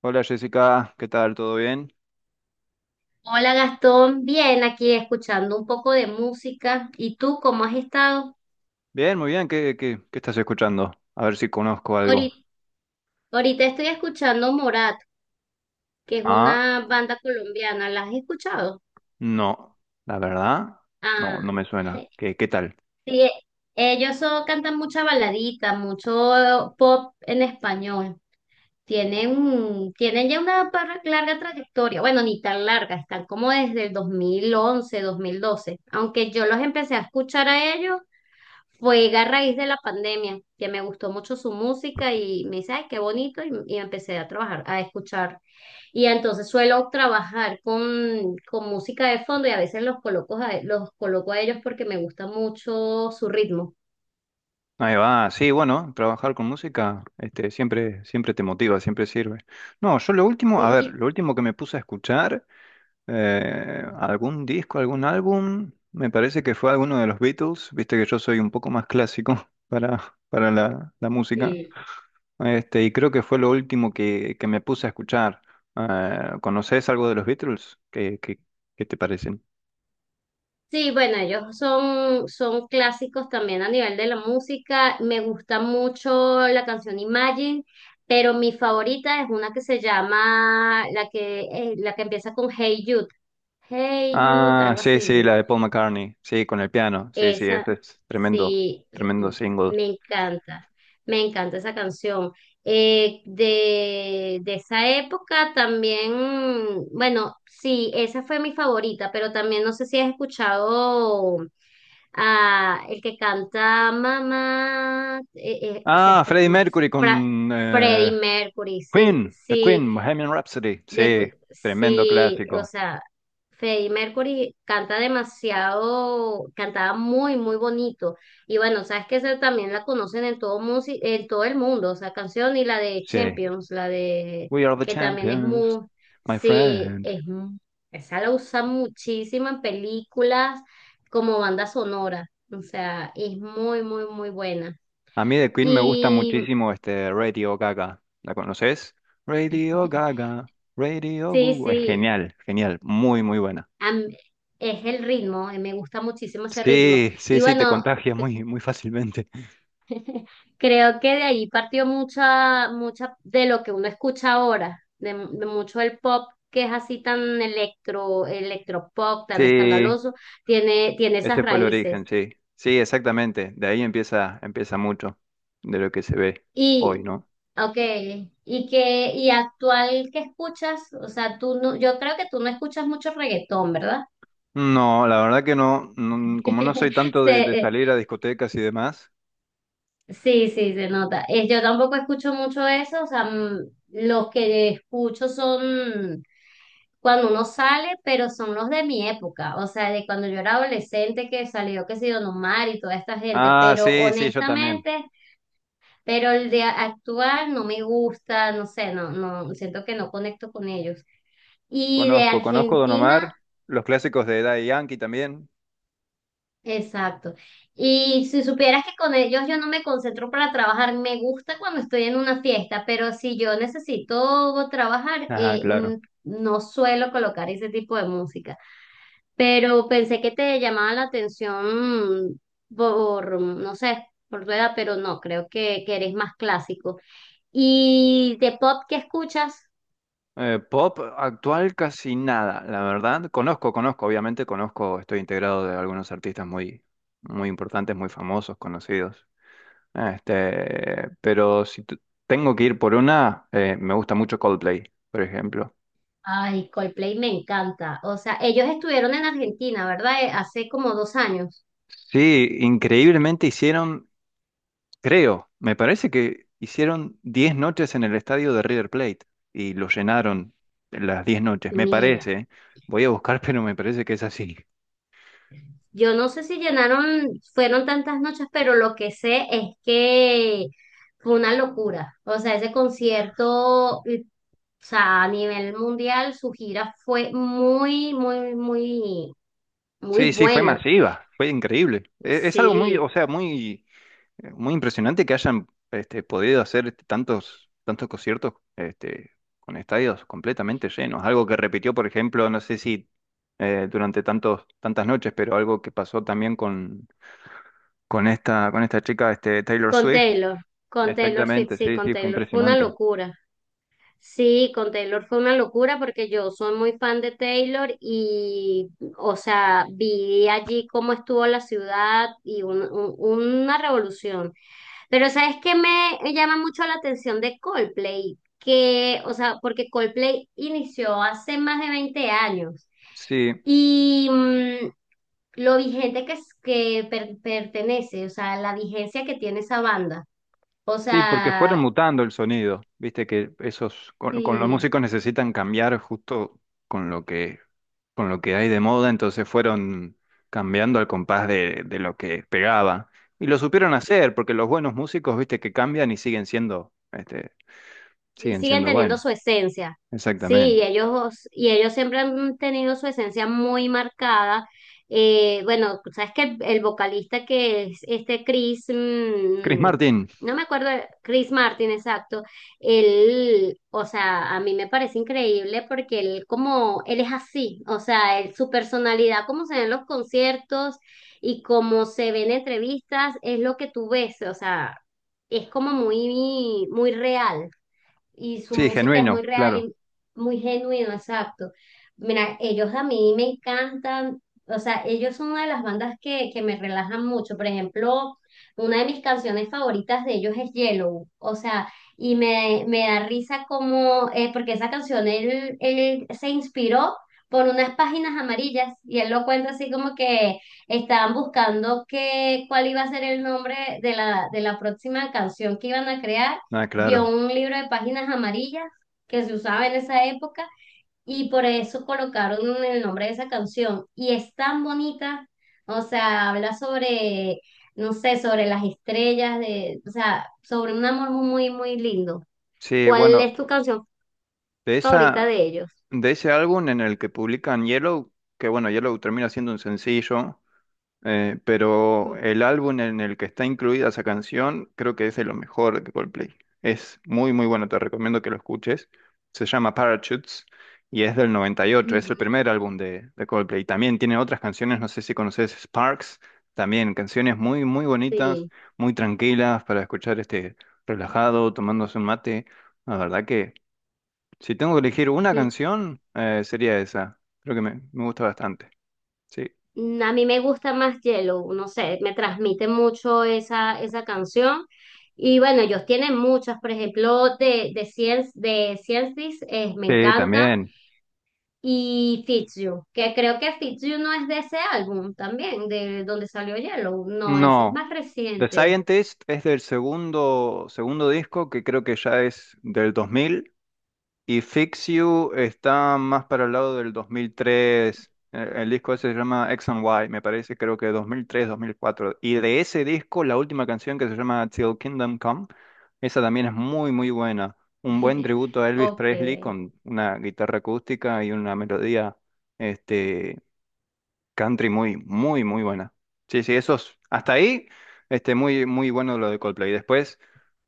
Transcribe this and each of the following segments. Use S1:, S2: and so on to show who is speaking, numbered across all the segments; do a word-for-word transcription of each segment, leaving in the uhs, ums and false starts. S1: Hola Jessica, ¿qué tal? ¿Todo bien?
S2: Hola Gastón, bien aquí escuchando un poco de música. ¿Y tú cómo has estado?
S1: Bien, muy bien, ¿qué, qué, qué estás escuchando? A ver si conozco algo.
S2: Ahorita, ahorita estoy escuchando Morat, que es
S1: Ah,
S2: una banda colombiana. ¿La has escuchado?
S1: no, la verdad,
S2: Ah,
S1: no, no me suena. ¿Qué, qué tal?
S2: sí, ellos son- cantan mucha baladita, mucho pop en español. Tienen, tienen ya una par- larga trayectoria. Bueno, ni tan larga, están como desde el dos mil once, dos mil doce. Aunque yo los empecé a escuchar a ellos. Fue a raíz de la pandemia, que me gustó mucho su música y me dice, ay, qué bonito, y, y empecé a trabajar, a escuchar. Y entonces suelo trabajar con, con música de fondo y a veces los coloco a, los coloco a ellos porque me gusta mucho su ritmo.
S1: Ahí va, sí, bueno, trabajar con música, este, siempre, siempre te motiva, siempre sirve. No, yo lo último, a
S2: Sí,
S1: ver,
S2: y-
S1: lo último que me puse a escuchar, eh, algún disco, algún álbum, me parece que fue alguno de los Beatles, viste que yo soy un poco más clásico para, para la la música.
S2: sí.
S1: Este, y creo que fue lo último que, que me puse a escuchar. Eh, ¿conoces algo de los Beatles? ¿Qué, qué, qué te parecen?
S2: Sí, bueno, ellos son, son clásicos también a nivel de la música. Me gusta mucho la canción Imagine, pero mi favorita es una que se llama, la que, eh, la que empieza con Hey Jude. Hey Jude,
S1: Ah,
S2: algo
S1: sí, sí,
S2: así.
S1: la de Paul McCartney. Sí, con el piano. Sí, sí,
S2: Esa,
S1: ese es tremendo,
S2: sí,
S1: tremendo single.
S2: me encanta, me encanta esa canción. Eh, de, de esa época también, bueno, sí, esa fue mi favorita, pero también no sé si has escuchado a el que canta Mamá, eh, eh, pues
S1: Ah,
S2: este,
S1: Freddie
S2: ¿cómo es?
S1: Mercury
S2: Fra-
S1: con
S2: Freddie
S1: eh,
S2: Mercury, sí,
S1: Queen, The
S2: sí.
S1: Queen, Bohemian Rhapsody.
S2: De, cu-
S1: Sí, tremendo
S2: sí, o
S1: clásico.
S2: sea, Freddie Mercury canta demasiado, cantaba muy, muy bonito. Y bueno, sabes que esa también la conocen en todo, musi- en todo el mundo, o sea, canción y la de
S1: Sí.
S2: Champions, la de
S1: We are the
S2: que también es
S1: champions,
S2: muy,
S1: my
S2: sí,
S1: friend.
S2: es, mu- esa la usan muchísimo en películas como banda sonora, o sea, es muy, muy, muy buena.
S1: A mí de Queen me gusta
S2: Y
S1: muchísimo este Radio Gaga. ¿La conoces? Radio Gaga, Radio
S2: sí,
S1: Google. Es
S2: sí.
S1: genial, genial, muy, muy buena.
S2: a Es el ritmo, eh, me gusta muchísimo ese ritmo.
S1: Sí, sí,
S2: Y
S1: sí, te
S2: bueno,
S1: contagia
S2: c-
S1: muy, muy fácilmente.
S2: creo que de ahí partió mucha, mucha de lo que uno escucha ahora, de, de mucho el pop que es así tan electro, electropop, tan
S1: Sí,
S2: escandaloso, tiene, tiene esas
S1: ese fue el
S2: raíces.
S1: origen, sí. Sí, exactamente. De ahí empieza, empieza mucho de lo que se ve hoy,
S2: Y,
S1: ¿no?
S2: okay, y que, y actual que escuchas, o sea, tú no, yo creo que tú no escuchas mucho reggaetón, ¿verdad?
S1: No, la verdad que no. No, como no soy tanto de,
S2: Se-
S1: de
S2: eh,
S1: salir a discotecas y demás.
S2: sí, sí, se nota. Eh, yo tampoco escucho mucho eso, o sea, mm, los que escucho son cuando uno sale, pero son los de mi época, o sea, de cuando yo era adolescente que salió, que sé yo, Don Omar y toda esta gente,
S1: Ah,
S2: pero
S1: sí, sí, yo también.
S2: honestamente, pero el de actuar no me gusta, no sé, no, no, siento que no conecto con ellos. Y de
S1: Conozco, conozco Don
S2: Argentina.
S1: Omar, los clásicos de Daddy Yankee también.
S2: Exacto. Y si supieras que con ellos yo no me concentro para trabajar, me gusta cuando estoy en una fiesta, pero si yo necesito trabajar,
S1: Ajá,
S2: eh, mm,
S1: claro.
S2: no suelo colocar ese tipo de música. Pero pensé que te llamaba la atención mm, por, mm, no sé, por tu edad, pero no, creo que, que eres más clásico. ¿Y de pop qué escuchas?
S1: Eh, pop actual casi nada, la verdad. Conozco, conozco, obviamente conozco, estoy integrado de algunos artistas muy, muy importantes, muy famosos, conocidos. Este, pero si tu- tengo que ir por una, eh, me gusta mucho Coldplay, por ejemplo.
S2: Ay, Coldplay me encanta. O sea, ellos estuvieron en Argentina, ¿verdad? Eh, Hace como dos años.
S1: Sí, increíblemente hicieron, creo, me parece que hicieron diez noches en el estadio de River Plate y lo llenaron las diez noches, me parece.
S2: Mira.
S1: ¿Eh? Voy a buscar, pero me parece que es así.
S2: Yo no sé si llenaron, fueron tantas noches, pero lo que sé es que fue una locura. O sea, ese concierto, y- o sea, a nivel mundial, su gira fue muy, muy, muy, muy
S1: Sí, sí, fue
S2: buena.
S1: masiva, fue increíble. E- Es algo muy, o
S2: Sí,
S1: sea, muy, eh, muy impresionante que hayan este, podido hacer este, tantos, tantos conciertos este, con estadios completamente llenos. Algo que repitió, por ejemplo, no sé si eh, durante tantos, tantas noches, pero algo que pasó también con, con esta, con esta chica, este, Taylor
S2: con
S1: Swift.
S2: Taylor, con Taylor Swift,
S1: Exactamente,
S2: sí,
S1: sí,
S2: con
S1: sí, fue
S2: Taylor fue una
S1: impresionante.
S2: locura. Sí, con Taylor fue una locura porque yo soy muy fan de Taylor y, o sea, vi allí cómo estuvo la ciudad y un- un- una revolución. Pero ¿sabes qué me llama mucho la atención de Coldplay? Que, o sea, porque Coldplay inició hace más de veinte años
S1: Sí,
S2: y mm, lo vigente que, es, que per- pertenece, o sea, la vigencia que tiene esa banda. O
S1: sí, porque
S2: sea,
S1: fueron mutando el sonido. Viste que esos con, con los
S2: sí.
S1: músicos necesitan cambiar justo con lo que con lo que hay de moda, entonces fueron cambiando al compás de, de lo que pegaba. Y lo supieron hacer, porque los buenos músicos, viste, que cambian y siguen siendo, este,
S2: Y
S1: siguen
S2: siguen
S1: siendo
S2: teniendo su
S1: buenos.
S2: esencia. Sí, y
S1: Exactamente.
S2: ellos, y ellos siempre han tenido su esencia muy marcada. Eh, bueno, sabes que el, el vocalista que es este Chris,
S1: Chris
S2: mm,
S1: Martin,
S2: no me acuerdo, Chris Martin, exacto, él, o sea, a mí me parece increíble porque él como, él es así, o sea, él- su personalidad, como se ven en los conciertos y como se ven en entrevistas, es lo que tú ves, o sea, es como muy, muy real y su
S1: sí,
S2: música es muy
S1: genuino,
S2: real
S1: claro.
S2: y muy genuino, exacto. Mira, ellos a mí me encantan, o sea, ellos son una de las bandas que, que me relajan mucho. Por ejemplo, una de mis canciones favoritas de ellos es Yellow, o sea, y me, me da risa como, eh, porque esa canción él, él se inspiró por unas páginas amarillas y él lo cuenta así como que estaban buscando que, cuál iba a ser el nombre de la, de la próxima canción que iban a crear.
S1: Ah,
S2: Vio
S1: claro.
S2: un libro de páginas amarillas que se usaba en esa época y por eso colocaron el nombre de esa canción. Y es tan bonita, o sea, habla sobre, no sé, sobre las estrellas, de, o sea, sobre un amor muy, muy lindo.
S1: Sí,
S2: ¿Cuál
S1: bueno,
S2: es tu canción
S1: de
S2: favorita de
S1: esa,
S2: ellos?
S1: de ese álbum en el que publican Yellow, que bueno, Yellow termina siendo un sencillo. Eh, pero
S2: Mm,
S1: el álbum en el que está incluida esa canción creo que es de lo mejor de Coldplay. Es muy, muy bueno, te recomiendo que lo escuches. Se llama Parachutes y es del noventa y ocho, es el
S2: ujú,
S1: primer álbum de, de Coldplay. También tiene otras canciones, no sé si conoces Sparks, también canciones muy, muy bonitas,
S2: sí.
S1: muy tranquilas para escuchar este relajado, tomándose un mate. La verdad que si tengo que elegir una canción, eh, sería esa. Creo que me, me gusta bastante. Sí,
S2: Mm, a mí me gusta más Yellow, no sé, me transmite mucho esa, esa canción. Y bueno, ellos tienen muchas, por ejemplo, de, de Science, de Science This, eh, me
S1: sí,
S2: encanta.
S1: también.
S2: Y Fix You, que creo que Fix You no es de ese álbum también, de donde salió Yellow. No, ese es
S1: No,
S2: más
S1: The
S2: reciente.
S1: Scientist es del segundo, segundo disco que creo que ya es del dos mil y Fix You está más para el lado del dos mil tres. El, el disco ese se llama X and Y, me parece, creo que dos dos mil tres mil cuatro. Y de ese disco, la última canción que se llama Till Kingdom Come, esa también es muy, muy buena. Un buen tributo a Elvis Presley
S2: Ok.
S1: con una guitarra acústica y una melodía este, country muy, muy, muy buena. Sí, sí, esos. Hasta ahí, este, muy, muy bueno lo de Coldplay. Después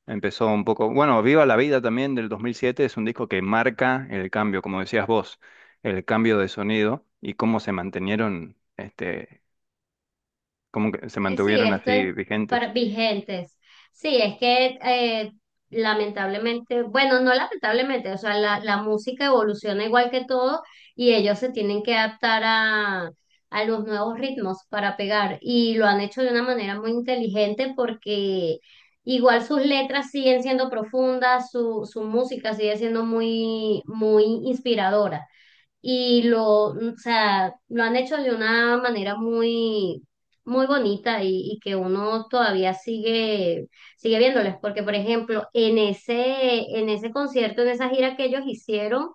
S1: empezó un poco. Bueno, Viva la Vida también del dos mil siete es un disco que marca el cambio, como decías vos, el cambio de sonido y cómo se mantenieron, este, cómo que se
S2: Eh, sí,
S1: mantuvieron
S2: esto es
S1: así vigentes.
S2: para vigentes. Sí, es que eh, lamentablemente, bueno, no lamentablemente, o sea, la, la música evoluciona igual que todo y ellos se tienen que adaptar a, a los nuevos ritmos para pegar y lo han hecho de una manera muy inteligente porque igual sus letras siguen siendo profundas, su, su música sigue siendo muy, muy inspiradora y lo, o sea, lo han hecho de una manera muy, muy bonita y, y que uno todavía sigue, sigue viéndoles, porque por ejemplo, en ese, en ese concierto, en esa gira que ellos hicieron,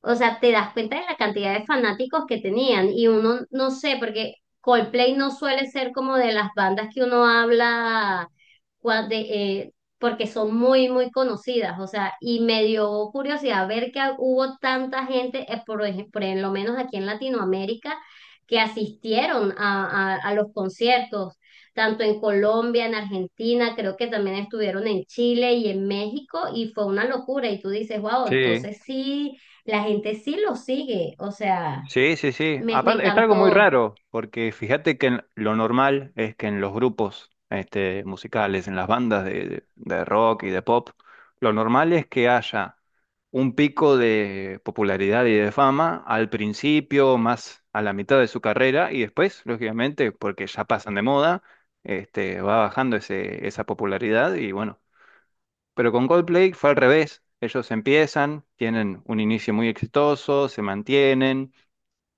S2: o sea, te das cuenta de la cantidad de fanáticos que tenían y uno no sé, porque Coldplay no suele ser como de las bandas que uno habla cua- de, eh, porque son muy, muy conocidas, o sea, y me dio curiosidad ver que hubo tanta gente, eh, por ejemplo, por lo menos aquí en Latinoamérica, que asistieron a, a, a los conciertos, tanto en Colombia, en Argentina, creo que también estuvieron en Chile y en México, y fue una locura, y tú dices, wow,
S1: Sí,
S2: entonces sí la gente sí lo sigue, o sea,
S1: sí, sí, sí.
S2: me, me
S1: Aparte, es algo muy
S2: encantó.
S1: raro, porque fíjate que en- lo normal es que en los grupos este, musicales, en las bandas de, de de rock y de pop, lo normal es que haya un pico de popularidad y de fama al principio, más a la mitad de su carrera, y después, lógicamente, porque ya pasan de moda, este, va bajando ese, esa popularidad y bueno. Pero con Coldplay fue al revés. Ellos empiezan, tienen un inicio muy exitoso, se mantienen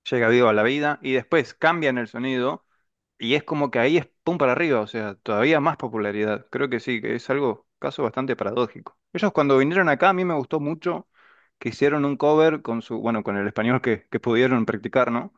S1: llega vivo a la vida y después cambian el sonido y es como que ahí es pum para arriba, o sea, todavía más popularidad. Creo que sí, que es algo, caso bastante paradójico. Ellos cuando vinieron acá a mí me gustó mucho que hicieron un cover con su, bueno, con el español que, que pudieron practicar, ¿no?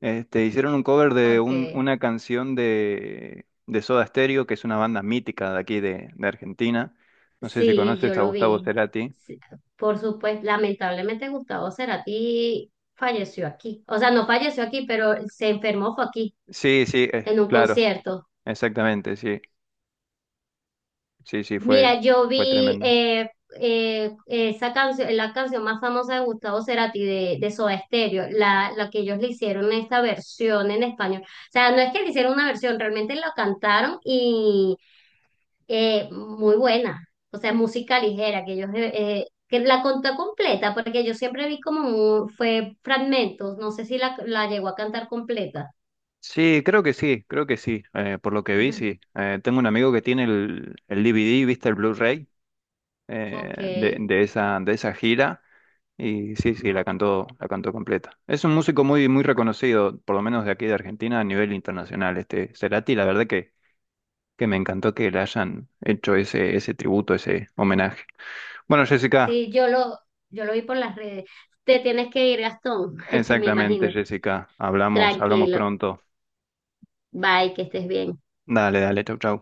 S1: Este, hicieron un cover de
S2: Ok.
S1: un- una canción de, de Soda Stereo, que es una banda mítica de aquí de, de Argentina. No sé si
S2: Sí, yo
S1: conoces a
S2: lo
S1: Gustavo
S2: vi.
S1: Cerati.
S2: Sí, por supuesto, lamentablemente Gustavo Cerati falleció aquí. O sea, no falleció aquí, pero se enfermó fue aquí,
S1: Sí, sí, eh,
S2: en un
S1: claro,
S2: concierto.
S1: exactamente, sí, sí, sí, fue,
S2: Mira, yo
S1: fue
S2: vi
S1: tremendo.
S2: eh, eh, esa canción, la canción más famosa de Gustavo Cerati de, de Soda Stereo, la, la que ellos le hicieron esta versión en español. O sea, no es que le hicieron una versión, realmente la cantaron eh, muy buena, o sea, música ligera, que ellos, eh, eh, que la contó completa, porque yo siempre vi como un- fue fragmentos, no sé si la, la llegó a cantar completa.
S1: Sí, creo que sí, creo que sí. Eh, por lo que vi, sí. Eh, tengo un amigo que tiene el, el D V D, ¿viste? El Blu-ray
S2: Ok,
S1: eh, de, de esa, de esa gira. Y sí, sí, la cantó, la cantó completa. Es un músico muy, muy reconocido, por lo menos de aquí de Argentina, a nivel internacional. Este Cerati, la verdad que, que me encantó que le hayan hecho ese, ese tributo, ese homenaje. Bueno, Jessica,
S2: sí, yo lo, yo lo vi por las redes. Te tienes que ir, Gastón, me
S1: exactamente,
S2: imagino.
S1: Jessica. Hablamos, hablamos
S2: Tranquilo,
S1: pronto.
S2: bye, que estés bien.
S1: Dale, dale, chau, chau.